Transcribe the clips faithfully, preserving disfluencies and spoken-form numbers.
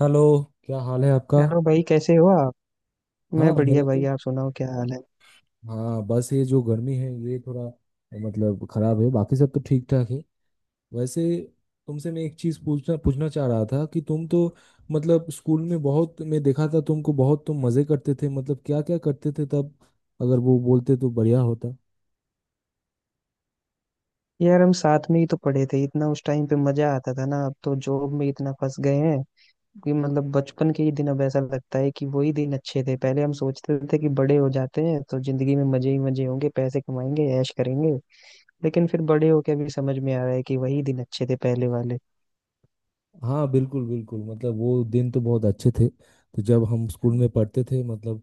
Hello. क्या हाल है आपका? हेलो भाई, कैसे हो आप। हाँ, मैं बढ़िया मेरा भाई, तो। आप सुनाओ क्या हाल है। हाँ, बस ये जो गर्मी है ये थोड़ा मतलब खराब है। बाकी सब तो ठीक ठाक है। वैसे तुमसे मैं एक चीज पूछना पूछना चाह रहा था कि तुम तो मतलब स्कूल में बहुत, मैं देखा था तुमको बहुत तुम मजे करते थे, मतलब क्या क्या करते थे तब। अगर वो बोलते तो बढ़िया होता। यार हम साथ में ही तो पढ़े थे, इतना उस टाइम पे मजा आता था ना। अब तो जॉब में इतना फंस गए हैं कि मतलब बचपन के ही दिन, अब ऐसा लगता है कि वही दिन अच्छे थे। पहले हम सोचते थे कि बड़े हो जाते हैं तो जिंदगी में मजे ही मजे होंगे, पैसे कमाएंगे, ऐश करेंगे। लेकिन फिर बड़े होके अभी समझ में आ रहा है कि वही दिन अच्छे थे पहले वाले। हाँ बिल्कुल बिल्कुल, मतलब वो दिन तो बहुत अच्छे थे, तो जब हम स्कूल में पढ़ते थे मतलब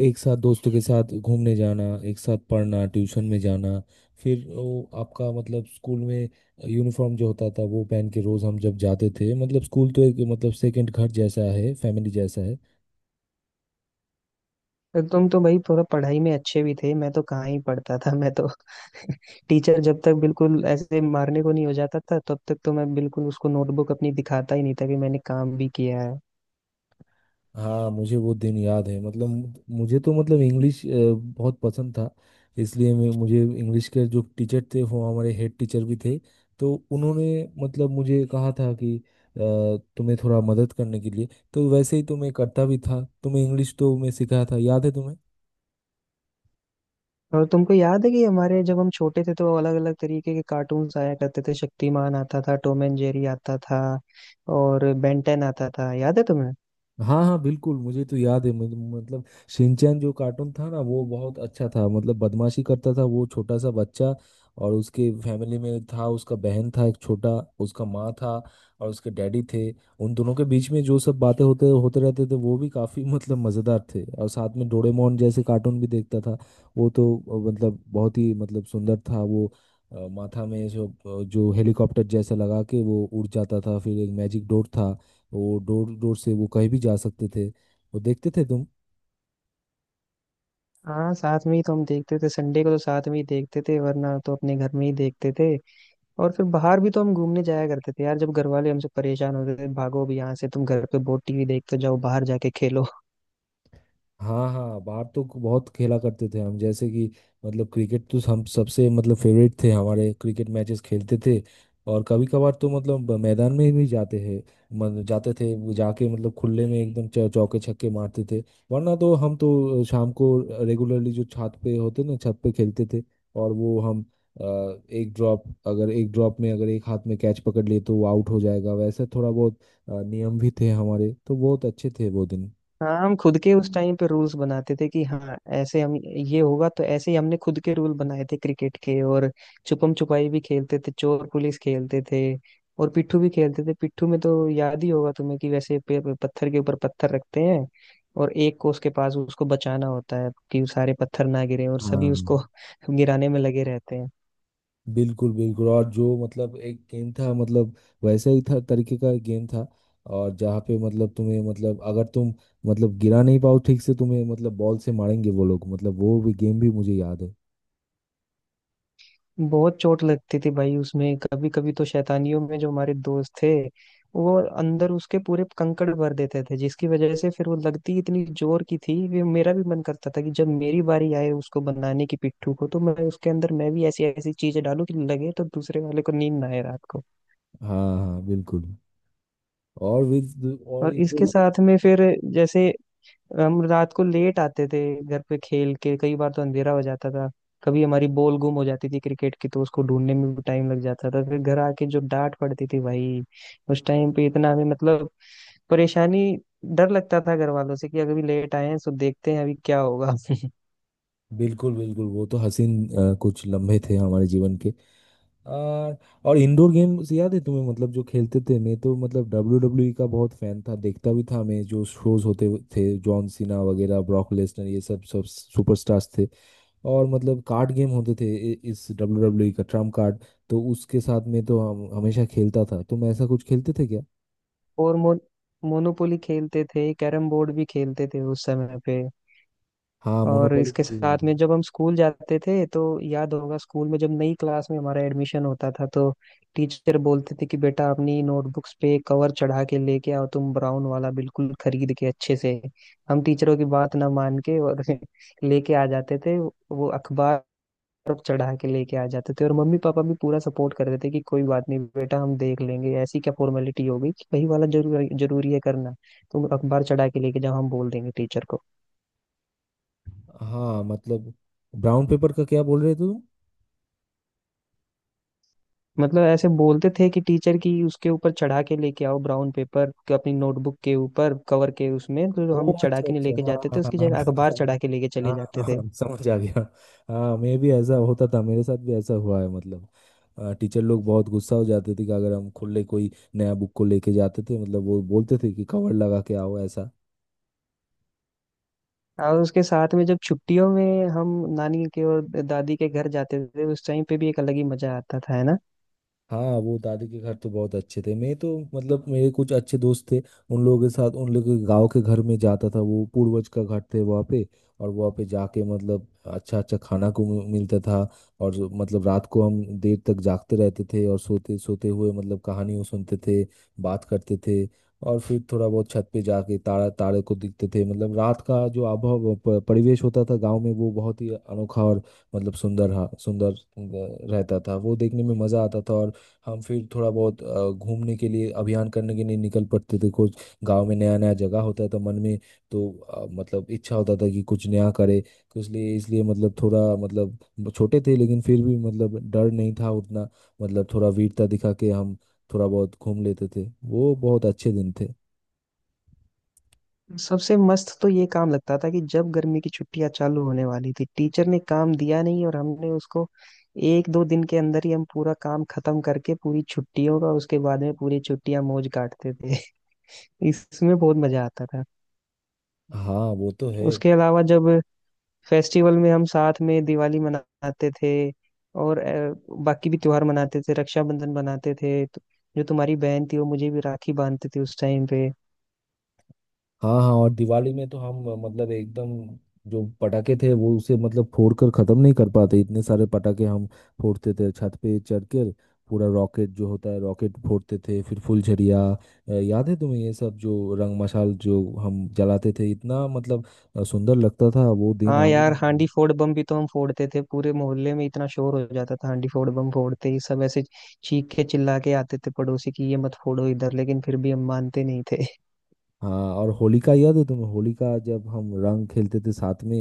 एक साथ दोस्तों के साथ घूमने जाना, एक साथ पढ़ना, ट्यूशन में जाना। फिर वो आपका मतलब स्कूल में यूनिफॉर्म जो होता था वो पहन के रोज़ हम जब जाते थे मतलब स्कूल, तो एक मतलब सेकंड घर जैसा है, फैमिली जैसा है। तो तुम तो भाई थोड़ा पढ़ाई में अच्छे भी थे, मैं तो कहाँ ही पढ़ता था। मैं तो टीचर जब तक बिल्कुल ऐसे मारने को नहीं हो जाता था, तब तक तो मैं बिल्कुल उसको नोटबुक अपनी दिखाता ही नहीं था कि मैंने काम भी किया है। हाँ मुझे वो दिन याद है, मतलब मु- मुझे तो मतलब इंग्लिश अ, बहुत पसंद था। इसलिए मैं, मुझे इंग्लिश के जो टीचर थे वो हमारे हेड टीचर भी थे, तो उन्होंने मतलब मुझे कहा था कि अ, तुम्हें थोड़ा मदद करने के लिए। तो वैसे ही तो मैं करता भी था, तो मैं इंग्लिश तो मैं सिखाया था, याद है तुम्हें? और तुमको याद है कि हमारे जब हम छोटे थे तो अलग अलग तरीके के कार्टून्स आया करते थे। शक्तिमान आता था, टॉम एंड जेरी आता था, और बेंटेन आता था, याद है तुम्हें। हाँ हाँ बिल्कुल, मुझे तो याद है। मुझे- मतलब शिनचैन जो कार्टून था ना वो बहुत अच्छा था, मतलब बदमाशी करता था वो छोटा सा बच्चा। और उसके फैमिली में था, उसका बहन था एक छोटा, उसका माँ था, और उसके डैडी थे। उन दोनों के बीच में जो सब बातें होते होते रहते थे वो भी काफ़ी मतलब मज़ेदार थे, और साथ में डोरेमोन जैसे कार्टून भी देखता था। वो तो अ, मतलब बहुत ही मतलब सुंदर था वो। अ, माथा में जो, जो हेलीकॉप्टर जैसा लगा के वो उड़ जाता था, फिर एक मैजिक डोर था। वो डोर डोर से वो कहीं भी जा सकते थे, वो देखते थे तुम? हाँ, साथ में ही तो हम देखते थे। संडे को तो साथ में ही देखते थे, वरना तो अपने घर में ही देखते थे। और फिर बाहर भी तो हम घूमने जाया करते थे यार, जब घर वाले हमसे परेशान होते थे, भागो भी यहाँ से, तुम घर पे बहुत टीवी देखते हो, जाओ बाहर जाके खेलो। हाँ हाँ, बाहर तो बहुत खेला करते थे हम, जैसे कि मतलब क्रिकेट तो हम सबसे मतलब फेवरेट थे, हमारे क्रिकेट मैचेस खेलते थे। और कभी कभार तो मतलब मैदान में भी जाते हैं, मतलब जाते थे, वो जाके मतलब खुले में एकदम चौ- चौके छक्के मारते थे। वरना तो हम तो शाम को रेगुलरली, जो छत पे होते ना, छत पे खेलते थे। और वो हम अ, एक ड्रॉप, अगर एक ड्रॉप में अगर एक हाथ में कैच पकड़ लिए तो वो आउट हो जाएगा, वैसे थोड़ा बहुत अ, नियम भी थे हमारे, तो बहुत अच्छे थे वो दिन। हाँ, हम खुद के उस टाइम पे रूल्स बनाते थे कि हाँ ऐसे हम ये होगा, तो ऐसे ही हमने खुद के रूल बनाए थे क्रिकेट के। और छुपम छुपाई भी खेलते थे, चोर पुलिस खेलते थे, और पिट्ठू भी खेलते थे। पिट्ठू में तो याद ही होगा तुम्हें कि वैसे पे, पे- पत्थर के ऊपर पत्थर रखते हैं, और एक को उसके पास उसको बचाना होता है कि सारे पत्थर ना गिरे, और सभी हाँ उसको गिराने में लगे रहते हैं। बिल्कुल बिल्कुल, और जो मतलब एक गेम था मतलब वैसा ही था तरीके का एक गेम था, और जहाँ पे मतलब तुम्हें मतलब अगर तुम मतलब गिरा नहीं पाओ ठीक से तुम्हें मतलब बॉल से मारेंगे वो लोग, मतलब वो भी गेम भी मुझे याद है। बहुत चोट लगती थी भाई उसमें, कभी कभी तो शैतानियों में जो हमारे दोस्त थे, वो अंदर उसके पूरे कंकड़ भर देते थे, जिसकी वजह से फिर वो लगती इतनी जोर की थी कि मेरा भी मन करता था कि जब मेरी बारी आए उसको बनाने की, पिट्ठू को, तो मैं उसके अंदर मैं भी ऐसी ऐसी चीजें डालूं कि लगे तो दूसरे वाले को नींद ना आए रात को। हाँ हाँ बिल्कुल, और विद और और इसके इंडोर। साथ में फिर जैसे हम रात को लेट आते थे घर पे, खेल के कई बार तो अंधेरा हो जाता था। कभी हमारी बॉल गुम हो जाती थी क्रिकेट की, तो उसको ढूंढने में भी टाइम लग जाता था। फिर घर आके जो डांट पड़ती थी भाई, उस टाइम पे इतना हमें मतलब परेशानी, डर लगता था घर वालों से कि अगर भी लेट आए हैं तो देखते हैं अभी क्या होगा। बिल्कुल बिल्कुल, वो तो हसीन अ, कुछ लम्हे थे हमारे जीवन के। आ, और इंडोर गेम्स याद है तुम्हें, मतलब जो खेलते थे, मैं तो मतलब डब्ल्यू डब्ल्यू का बहुत फैन था, देखता भी था मैं, जो शोज होते हुए थे, जॉन सीना वगैरह, ब्रॉक लेसनर, ये सब सब सुपरस्टार्स थे। और मतलब कार्ड गेम होते थे, इ- इस डब्ल्यू डब्ल्यू का ट्रम्प कार्ड। तो उसके साथ में तो हम हमेशा खेलता था, तुम ऐसा कुछ खेलते थे क्या? और मो, मोनोपोली खेलते थे, कैरम बोर्ड भी खेलते थे उस समय पे। हाँ और मोनोपोली इसके मुझे साथ याद है। में जब हम स्कूल जाते थे तो याद होगा, स्कूल में जब नई क्लास में हमारा एडमिशन होता था तो टीचर बोलते थे कि बेटा अपनी नोटबुक्स पे कवर चढ़ा के लेके आओ, तुम ब्राउन वाला बिल्कुल खरीद के अच्छे से। हम टीचरों की बात ना मान के और लेके आ जाते थे वो अखबार, चढ़ा के लेके आ जाते थे। और मम्मी पापा भी पूरा सपोर्ट करते थे कि कोई बात नहीं बेटा, हम देख लेंगे, ऐसी क्या फॉर्मेलिटी हो गई कि वही वाला जरूर जरूरी है करना। तुम अखबार चढ़ा के लेके जाओ, हम बोल देंगे टीचर को। हाँ मतलब ब्राउन पेपर का क्या बोल रहे थे तुम? मतलब ऐसे बोलते थे कि टीचर की उसके ऊपर चढ़ा के लेके आओ ब्राउन पेपर को अपनी नोटबुक के ऊपर, कवर के उसमें तो हम ओह चढ़ा अच्छा के नहीं अच्छा, लेके हाँ जाते हाँ थे, हाँ उसकी हाँ जगह हाँ। अखबार चढ़ा के लेके चले हाँ, हाँ, हाँ, जाते थे। हाँ, समझ आ गया। हाँ मैं भी ऐसा होता था, मेरे साथ भी ऐसा हुआ है, मतलब टीचर लोग बहुत गुस्सा हो जाते थे कि अगर हम खुले कोई नया बुक को लेके जाते थे, मतलब वो बोलते थे कि कवर लगा के आओ, ऐसा। और उसके साथ में जब छुट्टियों में हम नानी के और दादी के घर जाते थे, उस टाइम पे भी एक अलग ही मजा आता था, है ना। हाँ वो दादी के घर तो बहुत अच्छे थे, मैं तो मतलब मेरे कुछ अच्छे दोस्त थे, उन लोगों के साथ उन लोगों के गांव के घर में जाता था, वो पूर्वज का घर थे वहाँ पे। और वहाँ पे जाके मतलब अच्छा अच्छा खाना को मि- मिलता था। और जो- मतलब रात को हम देर तक जागते रहते थे, और सोते सोते हुए मतलब कहानियों सुनते थे, बात करते थे। और फिर थोड़ा बहुत छत पे जाके तारा तारे को देखते थे, मतलब रात का जो आबहवा प- परिवेश होता था गांव में, वो बहुत ही अनोखा और मतलब सुंदर हा- सुंदर अ, रहता था। वो देखने में मजा आता था, और हम फिर थोड़ा बहुत अ, घूमने के लिए, अभियान करने के लिए निकल पड़ते थे। कुछ गांव में नया नया जगह होता था मन में, तो अ, मतलब इच्छा होता था कि कुछ नया करे। तो इसलिए इसलिए मतलब थोड़ा मतलब ब- छोटे थे, लेकिन फिर भी मतलब डर नहीं था उतना, मतलब थोड़ा वीरता दिखा के हम थोड़ा बहुत घूम लेते थे, वो बहुत अच्छे दिन थे। सबसे मस्त तो ये काम लगता था कि जब गर्मी की छुट्टियां चालू होने वाली थी, टीचर ने काम दिया नहीं और हमने उसको एक दो दिन के अंदर ही हम पूरा काम खत्म करके, पूरी छुट्टियों का, उसके बाद में पूरी छुट्टियां मौज काटते थे। इसमें बहुत मजा आता था। हाँ वो तो है। उसके अलावा जब फेस्टिवल में हम साथ में दिवाली मनाते थे, और अ, बाकी भी त्योहार मनाते थे, रक्षाबंधन मनाते थे, तो जो तुम्हारी बहन थी वो मुझे भी राखी बांधते थे उस टाइम पे। हाँ हाँ, और दिवाली में तो हम अ, मतलब एकदम, जो पटाखे थे वो उसे मतलब फोड़ कर खत्म नहीं कर पाते, इतने सारे पटाखे हम फोड़ते थे छत पे चढ़ कर। पूरा रॉकेट जो होता है, रॉकेट फोड़ते थे, फिर फुलझड़िया। अ, याद है तुम्हें ये सब, जो रंग मशाल जो हम जलाते थे, इतना मतलब अ, सुंदर लगता था वो दिन हाँ आज यार, भी। हांडी फोड़ बम भी तो हम फोड़ते थे, पूरे मोहल्ले में इतना शोर हो जाता था हांडी फोड़ बम फोड़ते ही। सब ऐसे चीख के चिल्ला के आते थे पड़ोसी की ये मत फोड़ो इधर, लेकिन फिर भी हम मानते नहीं थे। हाँ और होलिका याद है तुम्हें, होलिका जब हम रंग खेलते थे साथ में।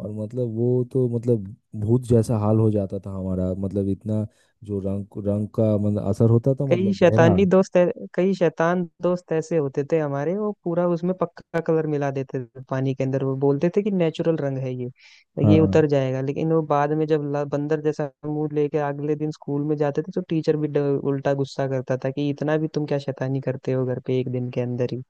और मतलब वो तो मतलब भूत जैसा हाल हो जाता था हमारा, मतलब इतना जो रंग रंग का मतलब असर होता था, कई मतलब गहरा। शैतानी दोस्त ऐ- कई शैतान दोस्त ऐसे होते थे हमारे, वो पूरा उसमें पक्का कलर मिला देते थे पानी के अंदर। वो बोलते थे कि नेचुरल रंग है ये, तो ये उतर हाँ जाएगा। लेकिन वो बाद में जब ला- बंदर जैसा मुंह लेके अगले दिन स्कूल में जाते थे तो टीचर भी ड- उल्टा गुस्सा करता था कि इतना भी तुम क्या शैतानी करते हो घर पे एक दिन के अंदर ही।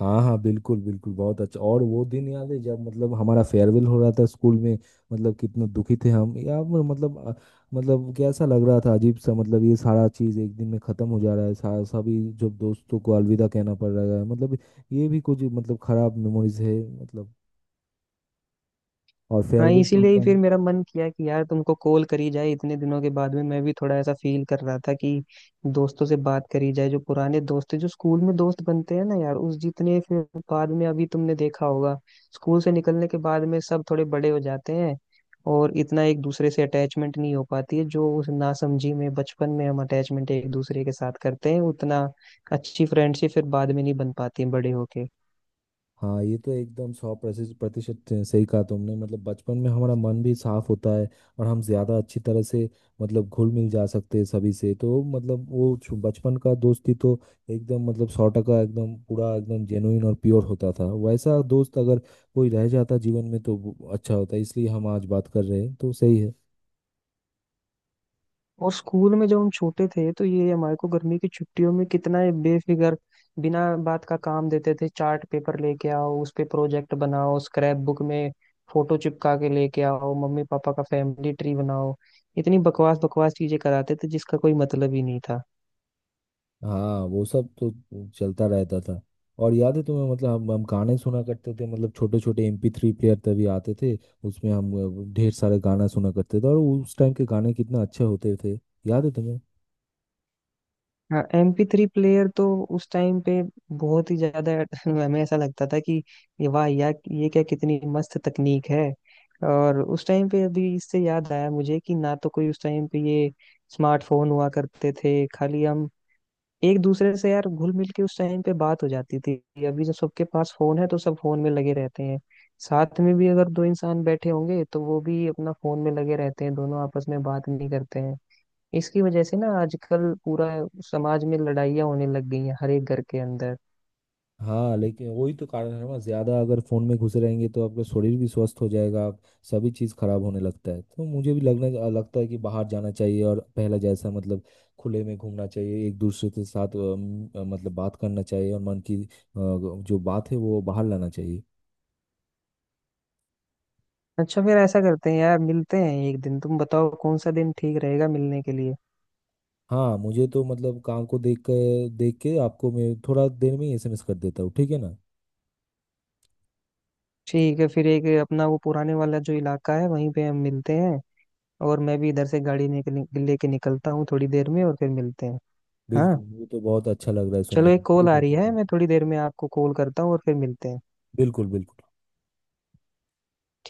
हाँ हाँ बिल्कुल बिल्कुल बहुत अच्छा, और वो दिन याद है जब मतलब हमारा फेयरवेल हो रहा था स्कूल में, मतलब कितना दुखी थे हम, या वो मतलब अ, मतलब कैसा लग रहा था अजीब सा, मतलब ये सारा चीज़ एक दिन में ख़त्म हो जा रहा है, सा, सभी जब दोस्तों को अलविदा कहना पड़ रहा है, मतलब ये भी कुछ मतलब खराब मेमोरीज है, मतलब, और हाँ, फेयरवेल इसीलिए ही फिर प्रोग्राम। मेरा मन किया कि यार तुमको कॉल करी जाए इतने दिनों के बाद में। मैं भी थोड़ा ऐसा फील कर रहा था कि दोस्तों से बात करी जाए, जो पुराने दोस्त थे, जो स्कूल में दोस्त बनते हैं ना यार, उस जितने फिर बाद में अभी तुमने देखा होगा, स्कूल से निकलने के बाद में सब थोड़े बड़े हो जाते हैं और इतना एक दूसरे से अटैचमेंट नहीं हो पाती है। जो उस नासमझी में बचपन में हम अटैचमेंट एक दूसरे के साथ करते हैं, उतना अच्छी फ्रेंडशिप फिर बाद में नहीं बन पाती है बड़े होके। हाँ ये तो एकदम सौ प्रतिशत प्रतिशत सही कहा तुमने, मतलब बचपन में हमारा मन भी साफ होता है। और हम ज्यादा अच्छी तरह से मतलब घुल मिल जा सकते हैं सभी से, तो मतलब वो छु- बचपन का दोस्ती तो एकदम मतलब सौ टका एकदम पूरा एकदम जेनुइन और प्योर होता था। वैसा दोस्त अगर कोई रह जाता जीवन में तो वो अच्छा होता, इसलिए हम आज बात कर रहे हैं तो सही है। और स्कूल में जब हम छोटे थे तो ये हमारे को गर्मी की छुट्टियों में कितना ये बेफिक्र बिना बात का काम देते थे। चार्ट पेपर लेके आओ, उस पे प्रोजेक्ट बनाओ, स्क्रैप बुक में फोटो चिपका के लेके आओ, मम्मी पापा का फैमिली ट्री बनाओ, इतनी बकवास बकवास चीजें कराते थे जिसका कोई मतलब ही नहीं था। हाँ वो सब तो चलता रहता था। और याद है तुम्हें मतलब हम हम गाने सुना करते थे, मतलब छोटे छोटे एमपी थ्री प्लेयर तभी आते थे। उसमें हम अ, ढेर सारे गाना सुना करते थे, और उस टाइम के गाने कितना अच्छे होते थे, याद है तुम्हें? हाँ, एम पी थ्री प्लेयर तो उस टाइम पे बहुत ही ज्यादा हमें ऐसा लगता था कि ये वाह यार, ये क्या कितनी मस्त तकनीक है। और उस टाइम पे अभी इससे याद आया मुझे कि ना तो कोई उस टाइम पे ये स्मार्टफोन हुआ करते थे, खाली हम एक दूसरे से यार घुल मिल के उस टाइम पे बात हो जाती थी। अभी जब सबके पास फोन है तो सब फोन में लगे रहते हैं। साथ में भी अगर दो इंसान बैठे होंगे तो वो भी अपना फोन में लगे रहते हैं, दोनों आपस में बात नहीं करते हैं। इसकी वजह से ना आजकल पूरा समाज में लड़ाइयाँ होने लग गई हैं हर एक घर के अंदर। हाँ लेकिन वही तो कारण है ना, ज्यादा अगर फोन में घुसे रहेंगे तो आपका शरीर भी स्वस्थ हो जाएगा, आप, सभी चीज खराब होने लगता है। तो मुझे भी लगने लगता है कि बाहर जाना चाहिए, और पहला जैसा मतलब खुले में घूमना चाहिए एक दूसरे के साथ, अम, अ, मतलब बात करना चाहिए, और मन की अ, जो बात है वो बाहर लाना चाहिए। अच्छा, फिर ऐसा करते हैं यार, मिलते हैं एक दिन। तुम बताओ कौन सा दिन ठीक रहेगा मिलने के लिए। हाँ मुझे तो मतलब काम को देख के देख के आपको मैं थोड़ा देर में ही एसएमएस कर देता हूँ, ठीक है ना? ठीक है, फिर एक अपना वो पुराने वाला जो इलाका है वहीं पे हम मिलते हैं, और मैं भी इधर से गाड़ी निकल लेके निकलता हूँ थोड़ी देर में, और फिर मिलते हैं। हाँ, बिल्कुल, मुझे तो बहुत अच्छा लग रहा है सुनने चलो में, एक कॉल ठीक आ है रही ठीक है, है। मैं थोड़ी देर में आपको कॉल करता हूँ और फिर मिलते हैं। बिल्कुल बिल्कुल।